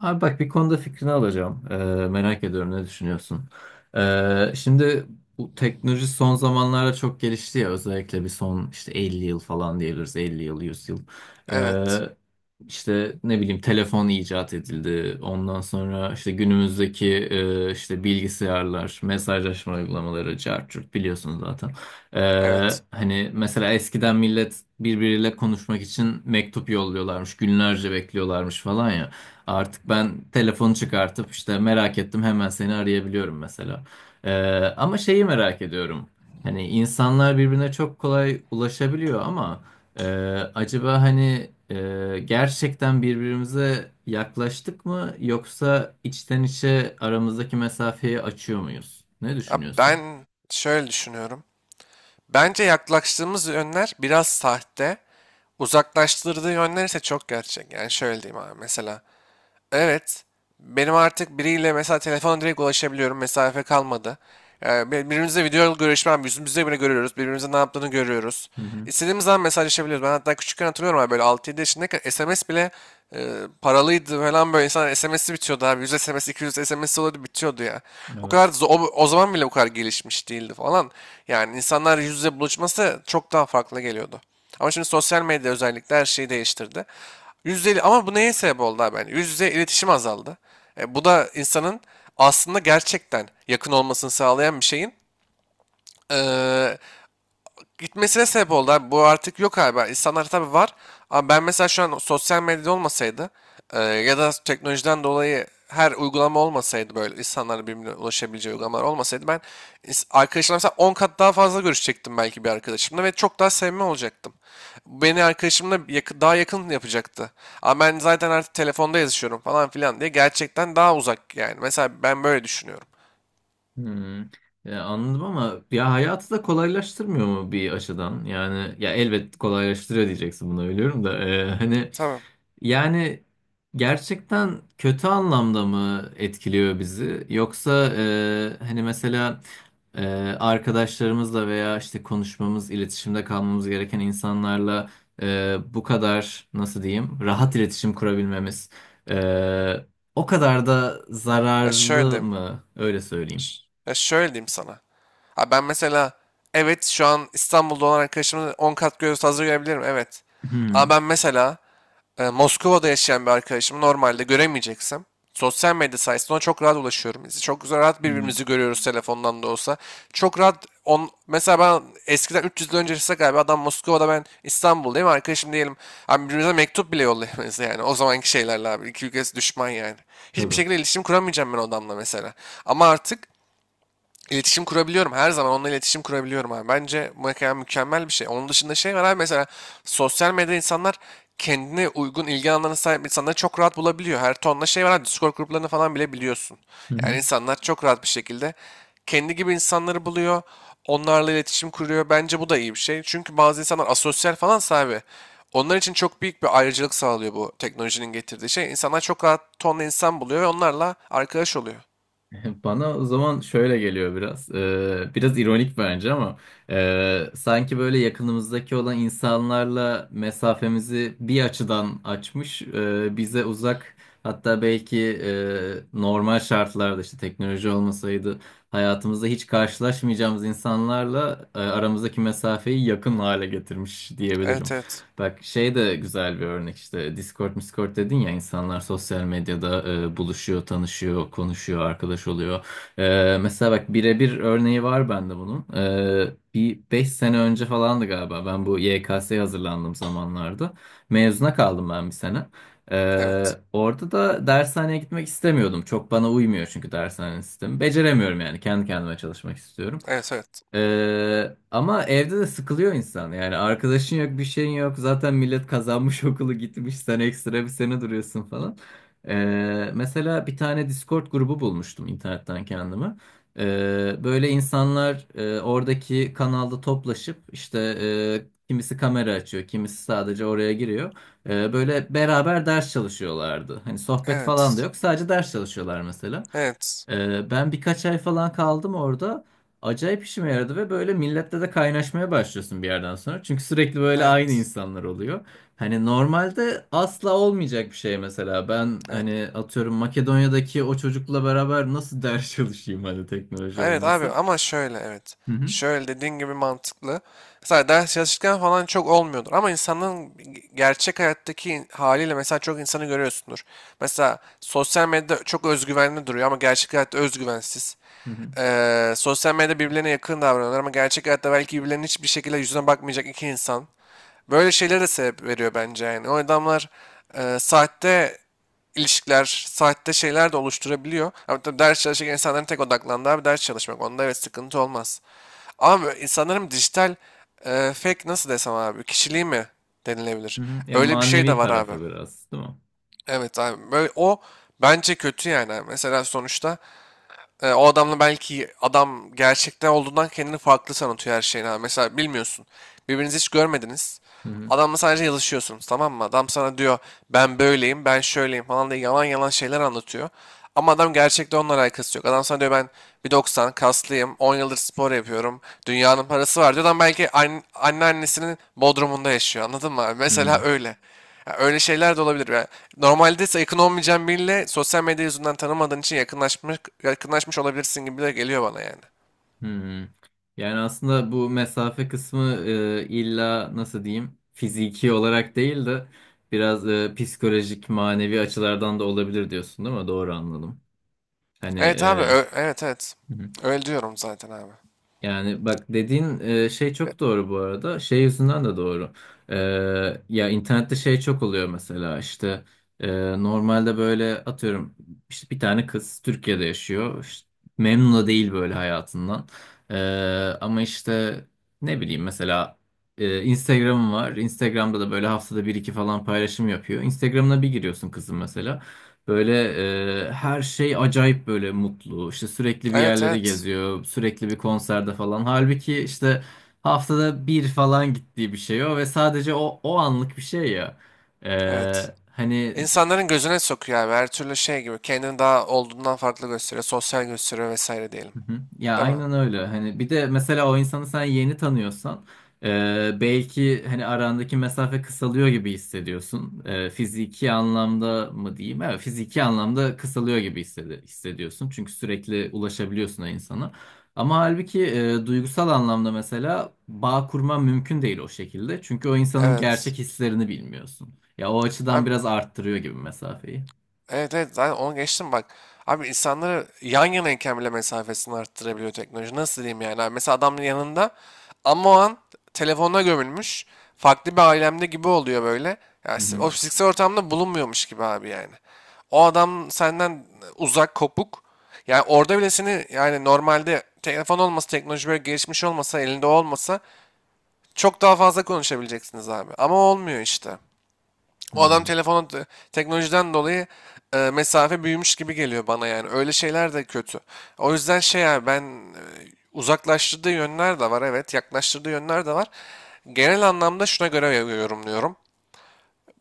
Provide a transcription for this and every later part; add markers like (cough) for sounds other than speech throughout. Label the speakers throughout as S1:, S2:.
S1: Abi bak bir konuda fikrini alacağım. Merak ediyorum ne düşünüyorsun? Şimdi bu teknoloji son zamanlarda çok gelişti ya özellikle bir son işte 50 yıl falan diyebiliriz 50 yıl 100 yıl.
S2: Evet,
S1: Ee, işte ne bileyim telefon icat edildi. Ondan sonra işte günümüzdeki işte bilgisayarlar, mesajlaşma uygulamaları, cart curt biliyorsunuz zaten. Ee,
S2: evet.
S1: hani mesela eskiden millet birbiriyle konuşmak için mektup yolluyorlarmış, günlerce bekliyorlarmış falan ya. Artık ben telefonu çıkartıp işte merak ettim hemen seni arayabiliyorum mesela. Ee, ama şeyi merak ediyorum. Hani insanlar birbirine çok kolay ulaşabiliyor ama e, acaba hani gerçekten birbirimize yaklaştık mı yoksa içten içe aramızdaki mesafeyi açıyor muyuz? Ne
S2: Abi
S1: düşünüyorsun?
S2: ben şöyle düşünüyorum. Bence yaklaştığımız yönler biraz sahte, uzaklaştırdığı yönler ise çok gerçek. Yani şöyle diyeyim abi mesela. Evet. Benim artık biriyle mesela telefona direkt ulaşabiliyorum. Mesafe kalmadı. Yani birbirimizle video görüşmem, yüzümüzde bile görüyoruz. Birbirimizin ne yaptığını görüyoruz.
S1: Hı hı.
S2: İstediğimiz zaman mesajlaşabiliyoruz. Ben hatta küçükken hatırlıyorum abi böyle 6-7 yaşındayken SMS bile e, paralıydı falan böyle insanlar SMS'i bitiyordu abi. 100 SMS, 200 SMS oluyordu bitiyordu ya. O kadar
S1: Evet.
S2: zo- o, o zaman bile bu kadar gelişmiş değildi falan. Yani insanlar yüz yüze buluşması çok daha farklı geliyordu. Ama şimdi sosyal medya özellikle her şeyi değiştirdi. Yüzde ama bu neye sebep oldu abi? Yani yüzde iletişim azaldı. Bu da insanın aslında gerçekten yakın olmasını sağlayan bir şeyin eee, gitmesine sebep oldu abi. Bu artık yok abi. İnsanlar tabii var. Ama ben mesela şu an sosyal medyada olmasaydı ya da teknolojiden dolayı her uygulama olmasaydı böyle insanların birbirine ulaşabileceği uygulamalar olmasaydı ben arkadaşlarla mesela 10 kat daha fazla görüşecektim belki bir arkadaşımla ve çok daha sevme olacaktım. Bu beni arkadaşımla daha yakın yapacaktı. Ama ben zaten artık telefonda yazışıyorum falan filan diye gerçekten daha uzak yani. Mesela ben böyle düşünüyorum.
S1: Hmm. Ya anladım ama ya hayatı da kolaylaştırmıyor mu bir açıdan? Yani ya elbet kolaylaştırıyor diyeceksin buna biliyorum da hani
S2: Tamam.
S1: yani gerçekten kötü anlamda mı etkiliyor bizi? Yoksa hani mesela e, arkadaşlarımızla veya işte konuşmamız, iletişimde kalmamız gereken insanlarla bu kadar nasıl diyeyim rahat iletişim kurabilmemiz e, o kadar da
S2: Ya şöyle
S1: zararlı
S2: diyeyim.
S1: mı? Öyle söyleyeyim.
S2: Ya şöyle diyeyim sana. Ha ben mesela evet şu an İstanbul'da olan arkadaşımın 10 kat göz hazır görebilirim evet. Ama
S1: Hmm,
S2: ben mesela Moskova'da yaşayan bir arkadaşımı normalde göremeyeceksem sosyal medya sayesinde ona çok rahat ulaşıyorum. Biz çok güzel rahat
S1: hmm,
S2: birbirimizi görüyoruz telefondan da olsa. Çok rahat mesela ben eskiden 300 yıl öncesi galiba adam Moskova'da ben İstanbul'dayım arkadaşım diyelim. Abi birbirimize mektup bile yollayamayız (laughs) yani o zamanki şeylerle abi. İki ülkesi düşman yani. Hiçbir
S1: tabii.
S2: şekilde iletişim kuramayacağım ben o adamla mesela. Ama artık İletişim kurabiliyorum. Her zaman onunla iletişim kurabiliyorum abi. Bence bu ekran mükemmel bir şey. Onun dışında şey var abi mesela sosyal medyada insanlar kendine uygun ilgi alanlarına sahip insanları çok rahat bulabiliyor. Her tonla şey var abi. Discord gruplarını falan bile biliyorsun.
S1: Hı
S2: Yani
S1: hı.
S2: insanlar çok rahat bir şekilde kendi gibi insanları buluyor. Onlarla iletişim kuruyor. Bence bu da iyi bir şey. Çünkü bazı insanlar asosyal falan sahibi. Onlar için çok büyük bir ayrıcalık sağlıyor bu teknolojinin getirdiği şey. İnsanlar çok rahat tonla insan buluyor ve onlarla arkadaş oluyor.
S1: (laughs) Bana o zaman şöyle geliyor biraz. Biraz ironik bence ama sanki böyle yakınımızdaki olan insanlarla mesafemizi bir açıdan açmış, bize uzak hatta belki normal şartlarda işte teknoloji olmasaydı hayatımızda hiç karşılaşmayacağımız insanlarla aramızdaki mesafeyi yakın hale getirmiş diyebilirim.
S2: Evet evet.
S1: Bak şey de güzel bir örnek işte Discord, Discord dedin ya insanlar sosyal medyada buluşuyor, tanışıyor, konuşuyor, arkadaş oluyor. Mesela bak birebir örneği var bende bunun. Bir 5 sene önce falandı galiba ben bu YKS'ye hazırlandığım zamanlarda. Mezuna kaldım ben bir sene.
S2: Evet.
S1: Orada da dershaneye gitmek istemiyordum. Çok bana uymuyor çünkü dershane sistemi. Beceremiyorum yani kendi kendime çalışmak istiyorum.
S2: Evet evet.
S1: Ama evde de sıkılıyor insan. Yani arkadaşın yok, bir şeyin yok. Zaten millet kazanmış (laughs) okulu gitmiş. Sen ekstra bir sene duruyorsun falan. Mesela bir tane Discord grubu bulmuştum internetten kendime. Böyle insanlar oradaki kanalda toplaşıp işte kimisi kamera açıyor, kimisi sadece oraya giriyor. Böyle beraber ders çalışıyorlardı. Hani sohbet falan da
S2: Evet.
S1: yok. Sadece ders çalışıyorlar mesela.
S2: Evet.
S1: Ben birkaç ay falan kaldım orada acayip işime yaradı ve böyle millette de kaynaşmaya başlıyorsun bir yerden sonra. Çünkü sürekli böyle aynı
S2: Evet.
S1: insanlar oluyor. Hani normalde asla olmayacak bir şey mesela. Ben
S2: Evet.
S1: hani atıyorum Makedonya'daki o çocukla beraber nasıl (laughs) ders çalışayım hani teknoloji
S2: Evet abi
S1: olması.
S2: ama şöyle evet.
S1: Hı hı.
S2: Şöyle dediğin gibi mantıklı. Mesela ders çalışırken falan çok olmuyordur. Ama insanın gerçek hayattaki haliyle mesela çok insanı görüyorsundur. Mesela sosyal medyada çok özgüvenli duruyor ama gerçek hayatta özgüvensiz.
S1: Hı hı.
S2: Sosyal medyada birbirlerine yakın davranıyorlar ama gerçek hayatta belki birbirlerinin hiçbir şekilde yüzüne bakmayacak iki insan. Böyle şeylere de sebep veriyor bence yani. O adamlar sahte ilişkiler, saatte şeyler de oluşturabiliyor. Ama tabii ders çalışırken insanların tek odaklandığı abi ders çalışmak. Onda evet sıkıntı olmaz. Ama insanların dijital fake nasıl desem abi kişiliği mi
S1: Hı
S2: denilebilir?
S1: hı. Ya
S2: Öyle bir şey de
S1: manevi
S2: var abi.
S1: tarafı biraz, değil mi?
S2: Evet abi. Böyle o bence kötü yani. Abi. Mesela sonuçta o adamla belki adam gerçekte olduğundan kendini farklı sanatıyor her şeyine. Mesela bilmiyorsun. Birbirinizi hiç görmediniz.
S1: Hı hı.
S2: Adamla sadece yazışıyorsunuz, tamam mı? Adam sana diyor ben böyleyim, ben şöyleyim falan diye yalan yalan şeyler anlatıyor. Ama adam gerçekte onunla alakası yok. Adam sana diyor ben 1,90 kaslıyım, 10 yıldır spor yapıyorum, dünyanın parası var diyor. Adam belki anne, anneannesinin bodrumunda yaşıyor, anladın mı?
S1: Hı
S2: Mesela
S1: hı.
S2: öyle. Ya öyle şeyler de olabilir. Yani normalde ise yakın olmayacağın biriyle sosyal medya yüzünden tanımadığın için yakınlaşmış, yakınlaşmış olabilirsin gibi de geliyor bana yani.
S1: Hmm. Yani aslında bu mesafe kısmı illa nasıl diyeyim fiziki olarak değil de biraz psikolojik manevi açılardan da olabilir diyorsun değil mi? Doğru anladım. Hani
S2: Evet abi, evet evet.
S1: hı.
S2: Öyle diyorum zaten abi.
S1: Yani bak dediğin şey
S2: Ve-
S1: çok doğru bu arada. Şey yüzünden de doğru. E, ya internette şey çok oluyor mesela işte normalde böyle atıyorum işte bir tane kız Türkiye'de yaşıyor. İşte memnun da değil böyle hayatından. E, ama işte ne bileyim mesela Instagram'ım var. Instagram'da da böyle haftada bir iki falan paylaşım yapıyor. Instagram'ına bir giriyorsun kızın mesela. Böyle her şey acayip böyle mutlu. İşte sürekli bir
S2: Evet
S1: yerleri
S2: evet.
S1: geziyor. Sürekli bir konserde falan. Halbuki işte haftada bir falan gittiği bir şey o ve sadece o anlık bir şey ya.
S2: Evet.
S1: Hani
S2: İnsanların gözüne sokuyor abi. Her türlü şey gibi. Kendini daha olduğundan farklı gösteriyor. Sosyal gösteriyor vesaire diyelim.
S1: Hı hı. Ya
S2: Değil mi?
S1: aynen öyle. Hani bir de mesela o insanı sen yeni tanıyorsan belki hani arandaki mesafe kısalıyor gibi hissediyorsun. Fiziki anlamda mı diyeyim? Evet, fiziki anlamda kısalıyor gibi hissediyorsun. Çünkü sürekli ulaşabiliyorsun o insana. Ama halbuki duygusal anlamda mesela bağ kurman mümkün değil o şekilde. Çünkü o insanın
S2: Evet.
S1: gerçek hislerini bilmiyorsun. Ya o açıdan
S2: Abi,
S1: biraz arttırıyor gibi mesafeyi.
S2: evet evet, zaten onu geçtim bak. Abi insanları yan yanayken bile mesafesini arttırabiliyor teknoloji. Nasıl diyeyim yani? Abi mesela adamın yanında ama o an telefonuna gömülmüş. Farklı bir alemde gibi oluyor böyle.
S1: Hı
S2: Yani
S1: hı.
S2: o fiziksel ortamda bulunmuyormuş gibi abi yani. O adam senden uzak, kopuk. Yani orada bile seni yani normalde telefon olmasa, teknoloji böyle gelişmiş olmasa, elinde olmasa çok daha fazla konuşabileceksiniz abi. Ama olmuyor işte. O adam
S1: Hmm.
S2: telefona teknolojiden dolayı mesafe büyümüş gibi geliyor bana yani. Öyle şeyler de kötü. O yüzden şey abi ben uzaklaştırdığı yönler de var, evet, yaklaştırdığı yönler de var. Genel anlamda şuna göre yorumluyorum.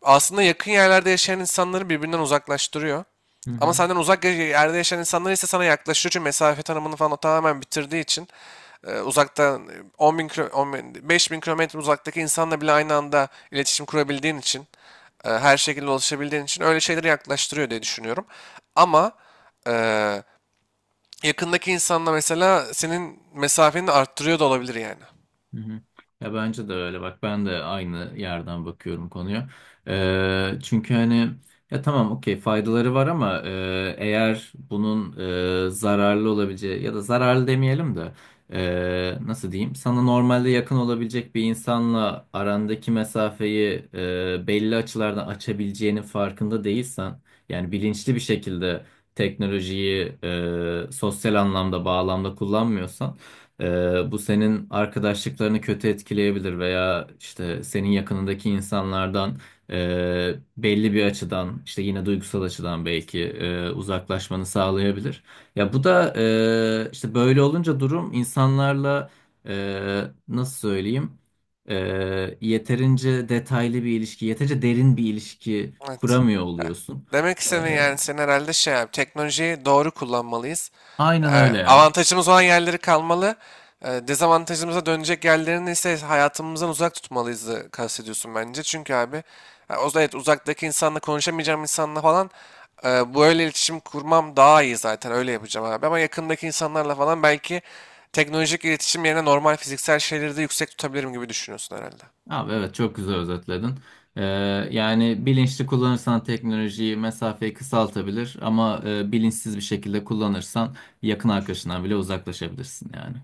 S2: Aslında yakın yerlerde yaşayan insanları birbirinden uzaklaştırıyor.
S1: Hı
S2: Ama
S1: hı.
S2: senden uzak yerde yaşayan insanlar ise sana yaklaşıyor çünkü mesafe tanımını falan o tamamen bitirdiği için uzaktan 10 bin, 5 bin 5.000 kilometre uzaktaki insanla bile aynı anda iletişim kurabildiğin için, her şekilde ulaşabildiğin için öyle şeyleri yaklaştırıyor diye düşünüyorum. Ama e, yakındaki insanla mesela senin mesafeni arttırıyor da olabilir yani.
S1: Hı hı. Ya bence de öyle bak ben de aynı yerden bakıyorum konuya. Çünkü hani ya tamam okey faydaları var ama eğer bunun zararlı olabileceği ya da zararlı demeyelim de nasıl diyeyim sana normalde yakın olabilecek bir insanla arandaki mesafeyi belli açılardan açabileceğinin farkında değilsen yani bilinçli bir şekilde teknolojiyi sosyal anlamda bağlamda kullanmıyorsan bu senin arkadaşlıklarını kötü etkileyebilir veya işte senin yakınındaki insanlardan belli bir açıdan işte yine duygusal açıdan belki uzaklaşmanı sağlayabilir. Ya bu da işte böyle olunca durum insanlarla nasıl söyleyeyim E, yeterince detaylı bir ilişki, yeterince derin bir ilişki
S2: Evet.
S1: kuramıyor
S2: Ya,
S1: oluyorsun.
S2: demek
S1: E,
S2: istediğin yani senin herhalde şey abi, teknolojiyi doğru kullanmalıyız.
S1: aynen
S2: Yani
S1: öyle ya.
S2: avantajımız olan yerleri kalmalı. Dezavantajımıza dönecek yerlerini ise hayatımızdan uzak tutmalıyız, kastediyorsun bence. Çünkü abi ya o da evet uzaktaki insanla konuşamayacağım insanla falan böyle iletişim kurmam daha iyi zaten öyle yapacağım abi. Ama yakındaki insanlarla falan belki teknolojik iletişim yerine normal fiziksel şeyleri de yüksek tutabilirim gibi düşünüyorsun herhalde.
S1: Abi evet çok güzel özetledin. Ee, yani bilinçli kullanırsan teknolojiyi mesafeyi kısaltabilir ama bilinçsiz bir şekilde kullanırsan yakın arkadaşından bile uzaklaşabilirsin yani.